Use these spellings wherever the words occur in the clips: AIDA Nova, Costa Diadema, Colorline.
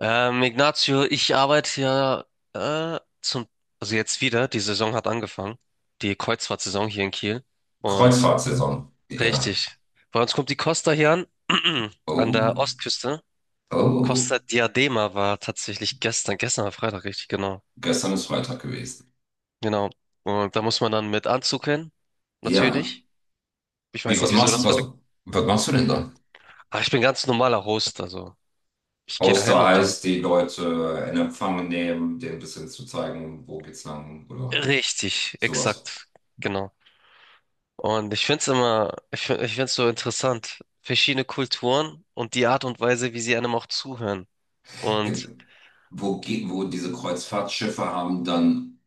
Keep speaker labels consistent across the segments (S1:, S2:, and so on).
S1: Ignacio, ich arbeite ja äh, zum, also jetzt wieder, die Saison hat angefangen, die Kreuzfahrtsaison hier in Kiel. Und
S2: Kreuzfahrtsaison. Ja.
S1: richtig, bei uns kommt die Costa hier an, an der
S2: Oh.
S1: Ostküste.
S2: Oh.
S1: Costa Diadema war tatsächlich gestern, gestern war Freitag, richtig, genau.
S2: Gestern ist Freitag gewesen.
S1: Genau. Und da muss man dann mit Anzug hin,
S2: Ja.
S1: natürlich. Ich
S2: Wie,
S1: weiß nicht,
S2: was
S1: wieso
S2: machst du?
S1: das war.
S2: Was machst du denn da?
S1: Aber ich bin ganz normaler Host, also ich gehe da
S2: Außer
S1: hin und dann.
S2: heißt, die Leute in Empfang nehmen, denen ein bisschen zu zeigen, wo geht's lang oder
S1: Richtig,
S2: sowas.
S1: exakt, genau. Und ich find's immer, ich find's so interessant, verschiedene Kulturen und die Art und Weise, wie sie einem auch zuhören. Und
S2: Ähm, Wo, wo diese Kreuzfahrtschiffe haben dann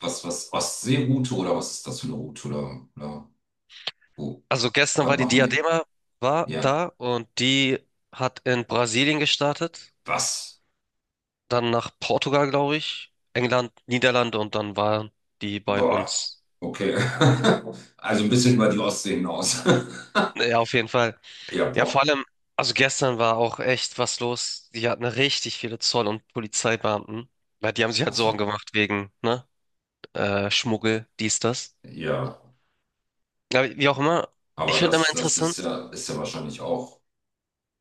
S2: was, was Ostseeroute oder was ist das für eine Route oder wo?
S1: also gestern war
S2: Was
S1: die
S2: machen die?
S1: Diadema war
S2: Ja.
S1: da und die hat in Brasilien gestartet,
S2: Was?
S1: dann nach Portugal, glaube ich, England, Niederlande und dann waren die bei
S2: Boah.
S1: uns.
S2: Okay. Also ein bisschen über die Ostsee hinaus.
S1: Ja, auf jeden Fall.
S2: Ja,
S1: Ja, vor
S2: boah.
S1: allem, also gestern war auch echt was los. Die hatten richtig viele Zoll- und Polizeibeamten, weil die haben sich
S2: Ach
S1: halt Sorgen
S2: so.
S1: gemacht wegen, ne, Schmuggel, dies, das.
S2: Ja,
S1: Ja, wie auch immer. Ich finde immer
S2: das
S1: interessant.
S2: ist ja wahrscheinlich auch.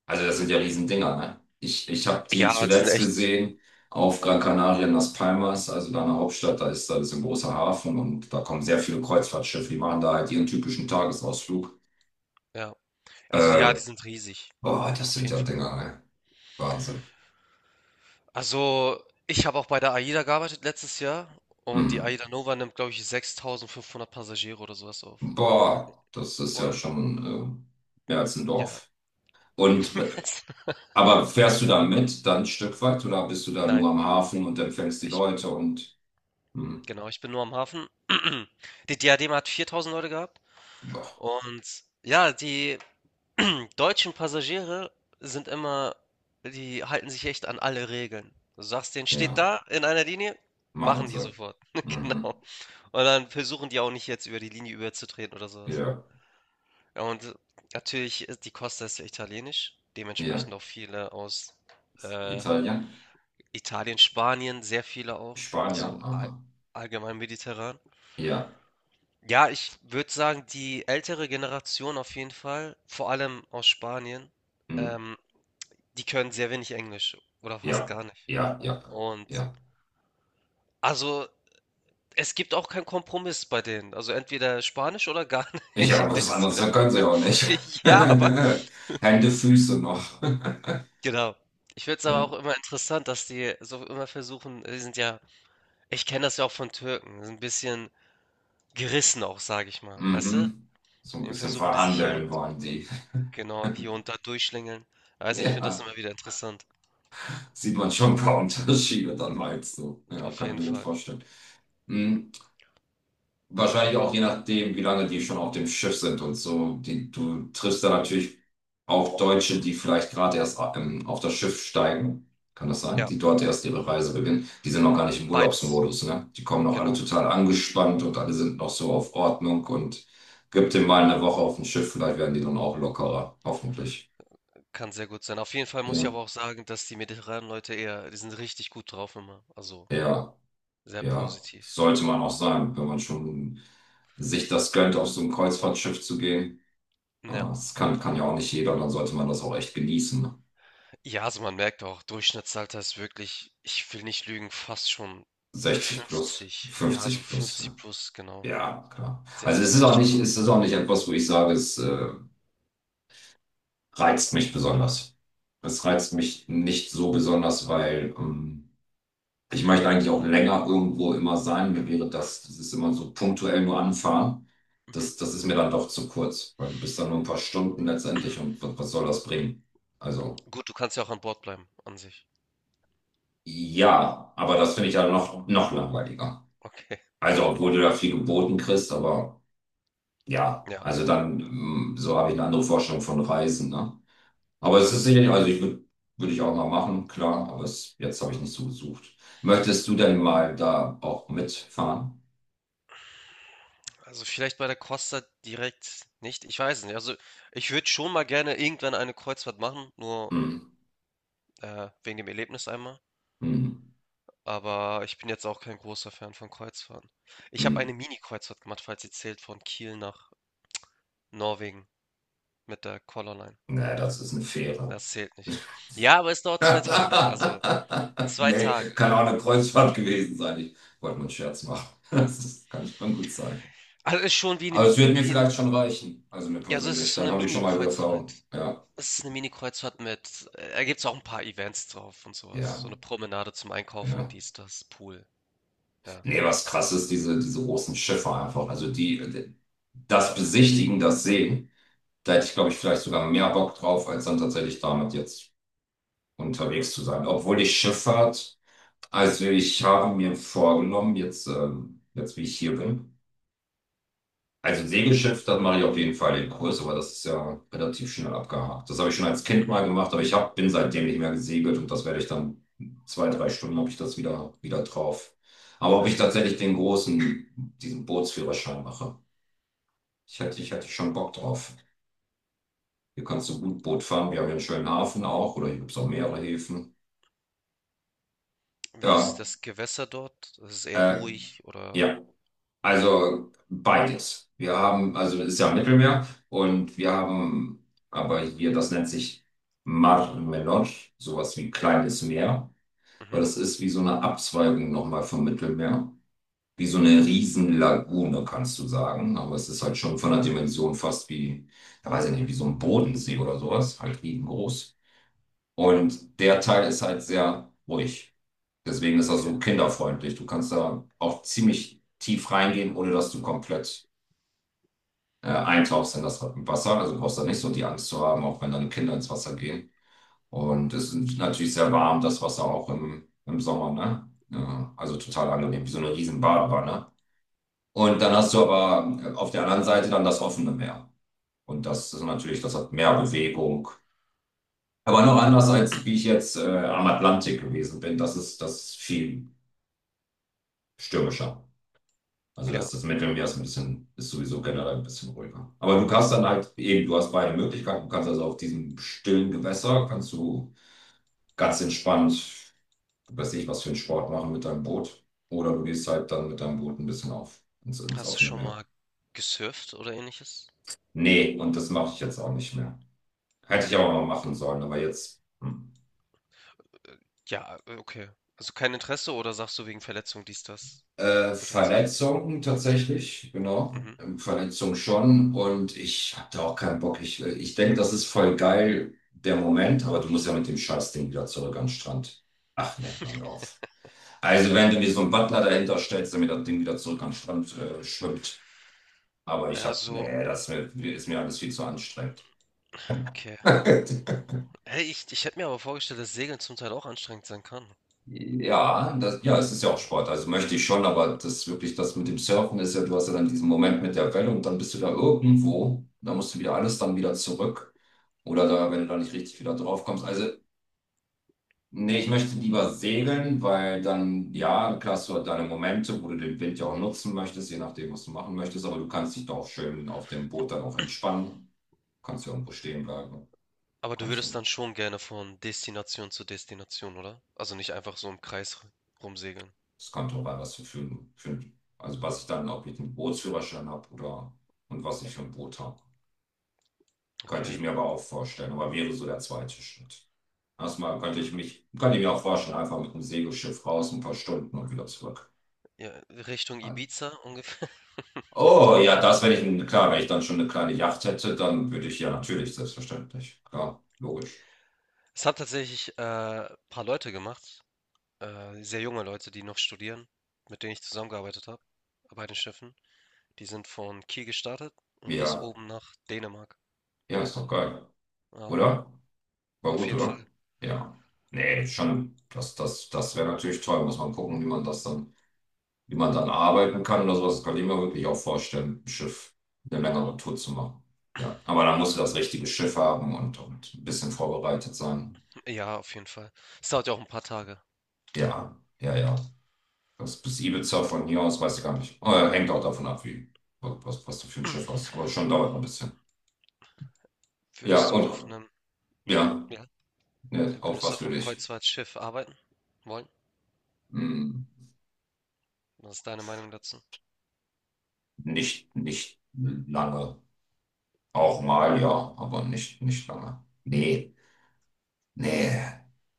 S2: Also das sind ja Riesendinger, ne? Ich habe die
S1: Ja, die sind
S2: zuletzt
S1: echt.
S2: gesehen auf Gran Canaria in Las Palmas, also da in der Hauptstadt, da ist ein großer Hafen und da kommen sehr viele Kreuzfahrtschiffe, die machen da halt ihren typischen Tagesausflug.
S1: Ja. Also ja, die
S2: Äh,
S1: sind riesig.
S2: boah, das
S1: Auf
S2: sind
S1: jeden
S2: ja
S1: Fall.
S2: Dinger, ne? Wahnsinn.
S1: Also, ich habe auch bei der AIDA gearbeitet letztes Jahr und die
S2: Mhm.
S1: AIDA Nova nimmt, glaube ich, 6.500 Passagiere oder sowas auf.
S2: Boah, das ist ja
S1: Und
S2: schon mehr als ein
S1: ja,
S2: Dorf. Und aber fährst du da mit dann ein Stück weit oder bist du da
S1: nein,
S2: nur am
S1: nur nein.
S2: Hafen und empfängst die
S1: Ich,
S2: Leute und hm,
S1: genau, ich bin nur am Hafen. Die Diadema hat 4.000 Leute gehabt
S2: boah,
S1: und ja, die deutschen Passagiere sind immer, die halten sich echt an alle Regeln. Du sagst denen: „Steht
S2: ja,
S1: da in einer Linie“,
S2: machen
S1: machen die
S2: sie.
S1: sofort.
S2: Mhm,
S1: Genau. Und dann versuchen die auch nicht jetzt über die Linie überzutreten oder sowas.
S2: ja,
S1: Ja, und natürlich ist die Costa ist ja italienisch,
S2: ja.
S1: dementsprechend auch viele aus, äh,
S2: Italien,
S1: Italien, Spanien, sehr viele auch, also
S2: Spanien, aha.
S1: allgemein mediterran.
S2: Ja,
S1: Ja, ich würde sagen, die ältere Generation auf jeden Fall, vor allem aus Spanien,
S2: hm,
S1: ähm die können sehr wenig Englisch oder fast
S2: ja,
S1: gar nicht.
S2: ja, ja,
S1: Und
S2: ja.
S1: also es gibt auch keinen Kompromiss bei denen. Also entweder Spanisch oder gar
S2: Ich
S1: nicht in
S2: habe was
S1: dem
S2: anderes,
S1: Sinne.
S2: dann können sie auch nicht.
S1: Ja, aber
S2: Hände, Füße noch.
S1: genau. Ich finde es aber
S2: Ja,
S1: auch immer interessant, dass die so immer versuchen, die sind ja, ich kenne das ja auch von Türken, sind ein bisschen gerissen auch, sage ich mal. Weißt du?
S2: mhm. So ein
S1: Dann
S2: bisschen
S1: versuchen die sich hier und
S2: verhandeln wollen die.
S1: genau, hier und da durchschlängeln. Weiß nicht, ich finde das
S2: Ja,
S1: immer wieder interessant.
S2: sieht man schon ein paar Unterschiede dann meinst du. Ja,
S1: Auf
S2: kann ich
S1: jeden
S2: mir gut
S1: Fall.
S2: vorstellen. Hm. Wahrscheinlich auch je nachdem, wie lange die schon auf dem Schiff sind und so. Die, du triffst da natürlich auch Deutsche, die vielleicht gerade erst auf das Schiff steigen. Kann das sein?
S1: Ja,
S2: Die dort erst ihre Reise beginnen. Die sind noch gar nicht im
S1: beides.
S2: Urlaubsmodus, ne? Die kommen noch alle
S1: Genau.
S2: total angespannt und alle sind noch so auf Ordnung und gib dem mal eine Woche auf dem Schiff, vielleicht werden die dann auch lockerer. Hoffentlich.
S1: Kann sehr gut sein. Auf jeden Fall muss ich
S2: Ja,
S1: aber auch sagen, dass die mediterranen Leute eher, die sind richtig gut drauf immer. Also
S2: ja,
S1: sehr
S2: ja.
S1: positiv.
S2: Sollte man auch sein, wenn man schon sich das gönnt, auf so ein Kreuzfahrtschiff zu gehen. Ah,
S1: Ja.
S2: das kann, kann ja auch nicht jeder, dann sollte man das auch echt genießen.
S1: Ja, also man merkt auch, Durchschnittsalter ist wirklich, ich will nicht lügen, fast schon
S2: 60 plus,
S1: 50. Ja, so
S2: 50 plus. Ja,
S1: 50 plus, genau.
S2: ja, klar.
S1: Sehr
S2: Also
S1: alte Menschen immer.
S2: es ist auch nicht etwas, wo ich sage, es reizt mich besonders. Es reizt mich nicht so besonders, weil ich möchte eigentlich auch länger irgendwo immer sein. Mir wäre das, das ist immer so punktuell nur anfahren.
S1: Mhm.
S2: Das ist mir dann doch zu kurz, weil du bist dann nur ein paar Stunden letztendlich und was, was soll das bringen? Also
S1: Gut, du kannst ja auch an Bord bleiben, an sich.
S2: ja, aber das finde ich dann noch langweiliger.
S1: Okay.
S2: Also, obwohl du da viel geboten kriegst, aber ja,
S1: Ja.
S2: also dann, so habe ich eine andere Vorstellung von Reisen, ne? Aber es ist sicherlich, würde ich auch mal machen, klar, aber es, jetzt habe ich nicht so gesucht. Möchtest du denn mal da auch mitfahren?
S1: Also vielleicht bei der Costa direkt nicht. Ich weiß es nicht. Also ich würde schon mal gerne irgendwann eine Kreuzfahrt machen, nur
S2: Hm,
S1: wegen dem Erlebnis einmal.
S2: hm,
S1: Aber ich bin jetzt auch kein großer Fan von Kreuzfahrten. Ich habe eine
S2: hm.
S1: Mini-Kreuzfahrt gemacht, falls sie zählt, von Kiel nach Norwegen mit der Colorline.
S2: Nee, das ist eine Fähre.
S1: Das zählt nicht. Ja, aber es dauert 2 Tage. Also zwei
S2: Nee,
S1: Tage.
S2: kann auch eine Kreuzfahrt gewesen sein. Ich wollte nur einen Scherz machen. Das kann schon gut sein.
S1: Also ist schon wie
S2: Aber
S1: eine,
S2: es wird mir
S1: wie ein,
S2: vielleicht schon reichen, also mir
S1: ja, so ist es
S2: persönlich.
S1: ist so
S2: Dann
S1: eine
S2: habe ich schon mal die Erfahrung.
S1: Mini-Kreuzfahrt.
S2: Ja,
S1: Es ist eine Mini-Kreuzfahrt mit, da gibt es auch ein paar Events drauf und sowas. So
S2: ja.
S1: eine Promenade zum Einkaufen,
S2: Ja.
S1: dies, das, Pool. Ja.
S2: Nee, was krass ist, diese großen Schiffe einfach. Das Besichtigen, das Sehen, da hätte ich, glaube ich, vielleicht sogar mehr Bock drauf, als dann tatsächlich damit jetzt unterwegs zu sein. Obwohl ich Schifffahrt, also ich habe mir vorgenommen, jetzt wie ich hier bin, also Segelschiff, das mache ich auf jeden Fall den Kurs, aber das ist ja relativ schnell abgehakt. Das habe ich schon als Kind
S1: Mhm.
S2: mal gemacht, aber bin seitdem nicht mehr gesegelt und das werde ich dann zwei, drei Stunden habe ich das wieder drauf. Aber ob ich tatsächlich den großen, diesen Bootsführerschein mache, ich hätte schon Bock drauf. Hier kannst du gut Boot fahren, wir haben ja einen schönen Hafen auch oder hier gibt es auch mehrere Häfen.
S1: Wie ist
S2: Ja,
S1: das Gewässer dort? Ist es eher
S2: äh,
S1: ruhig oder?
S2: ja.
S1: Okay.
S2: Also beides. Also es ist ja am Mittelmeer und wir haben aber hier, das nennt sich Mar Menor, sowas wie kleines Meer, weil
S1: Mhm.
S2: das ist wie so eine Abzweigung nochmal vom Mittelmeer. Wie so eine Riesenlagune, kannst du sagen. Aber es ist halt schon von der Dimension fast wie, da weiß ich nicht, wie so ein Bodensee oder sowas, halt riesengroß.
S1: Mhm.
S2: Und der Teil ist halt sehr ruhig. Deswegen ist er
S1: Okay.
S2: so kinderfreundlich. Du kannst da auch ziemlich tief reingehen, ohne dass du komplett eintauchst in das Wasser. Also brauchst du nicht so die Angst zu haben, auch wenn deine Kinder ins Wasser gehen. Und es ist natürlich sehr warm, das Wasser auch im Sommer, ne? Ja, also total angenehm, wie so eine riesen Badewanne. Und dann hast du aber auf der anderen Seite dann das offene Meer. Und das ist natürlich, das hat mehr Bewegung. Aber noch anders als wie ich jetzt am Atlantik gewesen bin. Das ist viel stürmischer. Also das,
S1: Ja.
S2: das Midrange ist ein bisschen, ist sowieso generell ein bisschen ruhiger. Aber du kannst dann halt, eben, du hast beide Möglichkeiten. Du kannst also auf diesem stillen Gewässer, kannst du ganz entspannt, weiß ich, was für einen Sport machen mit deinem Boot. Oder du gehst halt dann mit deinem Boot ein bisschen auf, ins, ins
S1: Hast du
S2: offene
S1: schon
S2: Meer.
S1: mal gesurft oder Ähnliches?
S2: Nee, und das mache ich jetzt auch nicht mehr. Hätte ich aber mal machen sollen, aber jetzt. Hm.
S1: Ja, okay. Also kein Interesse oder sagst du wegen Verletzung dies, das? Potenziell.
S2: Verletzungen tatsächlich, genau.
S1: Mhm.
S2: Verletzungen schon. Und ich hab da auch keinen Bock. Ich denke, das ist voll geil, der Moment, aber du musst ja mit dem Scheißding wieder zurück an den Strand. Ach ne, hör mir auf. Also wenn du mir so einen Butler dahinter stellst, damit das Ding wieder zurück an den Strand schwimmt. Aber ich
S1: Ja,
S2: hab,
S1: so,
S2: nee, ist mir alles viel zu anstrengend.
S1: okay. Hey, ich hätte mir aber vorgestellt, dass Segeln zum Teil auch anstrengend sein kann.
S2: Ja, ja, es ist ja auch
S1: Ja.
S2: Sport, also möchte ich schon, aber das wirklich, das mit dem Surfen ist ja, du hast ja dann diesen Moment mit der Welle und dann bist du da irgendwo, da musst du wieder alles dann wieder zurück oder da, wenn du da nicht richtig wieder drauf kommst. Also, nee, ich möchte lieber segeln, weil dann, ja, klar hast du halt deine Momente, wo du den Wind ja auch nutzen möchtest, je nachdem, was du machen möchtest, aber du kannst dich da auch schön auf dem Boot dann auch entspannen, kannst ja irgendwo stehen bleiben,
S1: Aber du
S2: kannst
S1: würdest
S2: dann
S1: dann schon gerne von Destination zu Destination, oder? Also nicht einfach so im Kreis rumsegeln.
S2: es kommt drauf an, was du für, also was ich dann, ob ich einen Bootsführerschein habe oder und was ich für ein Boot habe. Könnte
S1: Okay.
S2: ich mir aber auch vorstellen, aber wäre so der zweite Schritt. Erstmal könnte ich mich, könnte ich mir auch vorstellen, einfach mit einem Segelschiff raus, ein paar Stunden und wieder zurück.
S1: Ja, Richtung
S2: An.
S1: Ibiza ungefähr.
S2: Oh ja, das, wenn ich, ein- klar, wenn ich dann schon eine kleine Yacht hätte, dann würde ich ja natürlich, selbstverständlich. Klar, logisch.
S1: Es haben tatsächlich ein paar Leute gemacht, sehr junge Leute, die noch studieren, mit denen ich zusammengearbeitet habe, bei den Schiffen. Die sind von Kiel gestartet und bis
S2: Ja,
S1: oben nach Dänemark.
S2: ja, ist doch geil,
S1: Ja,
S2: oder? War
S1: auf
S2: gut,
S1: jeden
S2: oder?
S1: Fall.
S2: Ja. Nee, schon, das wäre natürlich toll, muss man gucken, wie man das dann. Wie man dann arbeiten kann oder sowas, das kann ich mir wirklich auch vorstellen, im Schiff eine längere Tour zu machen. Ja, aber dann musst du das richtige Schiff haben und ein bisschen vorbereitet sein.
S1: Ja, auf jeden Fall. Es dauert ja auch ein paar Tage.
S2: Ja, ja, ja. Das bis Ibiza von hier aus, weiß ich gar nicht. Hängt auch davon ab, wie, was du für ein Schiff hast. Aber schon dauert ein bisschen. Ja,
S1: Würdest du auf
S2: und
S1: einem,
S2: ja,
S1: ja,
S2: ne, auf
S1: würdest du
S2: was
S1: auf
S2: will
S1: einem
S2: ich?
S1: Kreuzfahrtschiff arbeiten wollen?
S2: Hm,
S1: Was ist deine Meinung dazu?
S2: nicht lange.
S1: Okay.
S2: Auch mal, ja, aber nicht lange. Nee. Nee,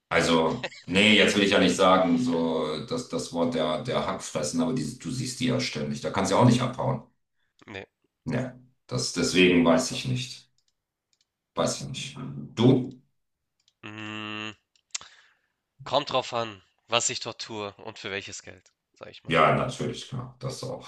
S2: also, nee, jetzt will ich ja nicht sagen, so dass das Wort der Hackfressen, aber die, du siehst die ja ständig. Da kannst du ja auch nicht abhauen.
S1: Nee.
S2: Nee, das, deswegen weiß ich nicht. Weiß ich nicht. Du?
S1: Mm, kommt drauf an, was ich dort tue und für welches Geld, sag ich mal.
S2: Ja, natürlich, klar. Das auch.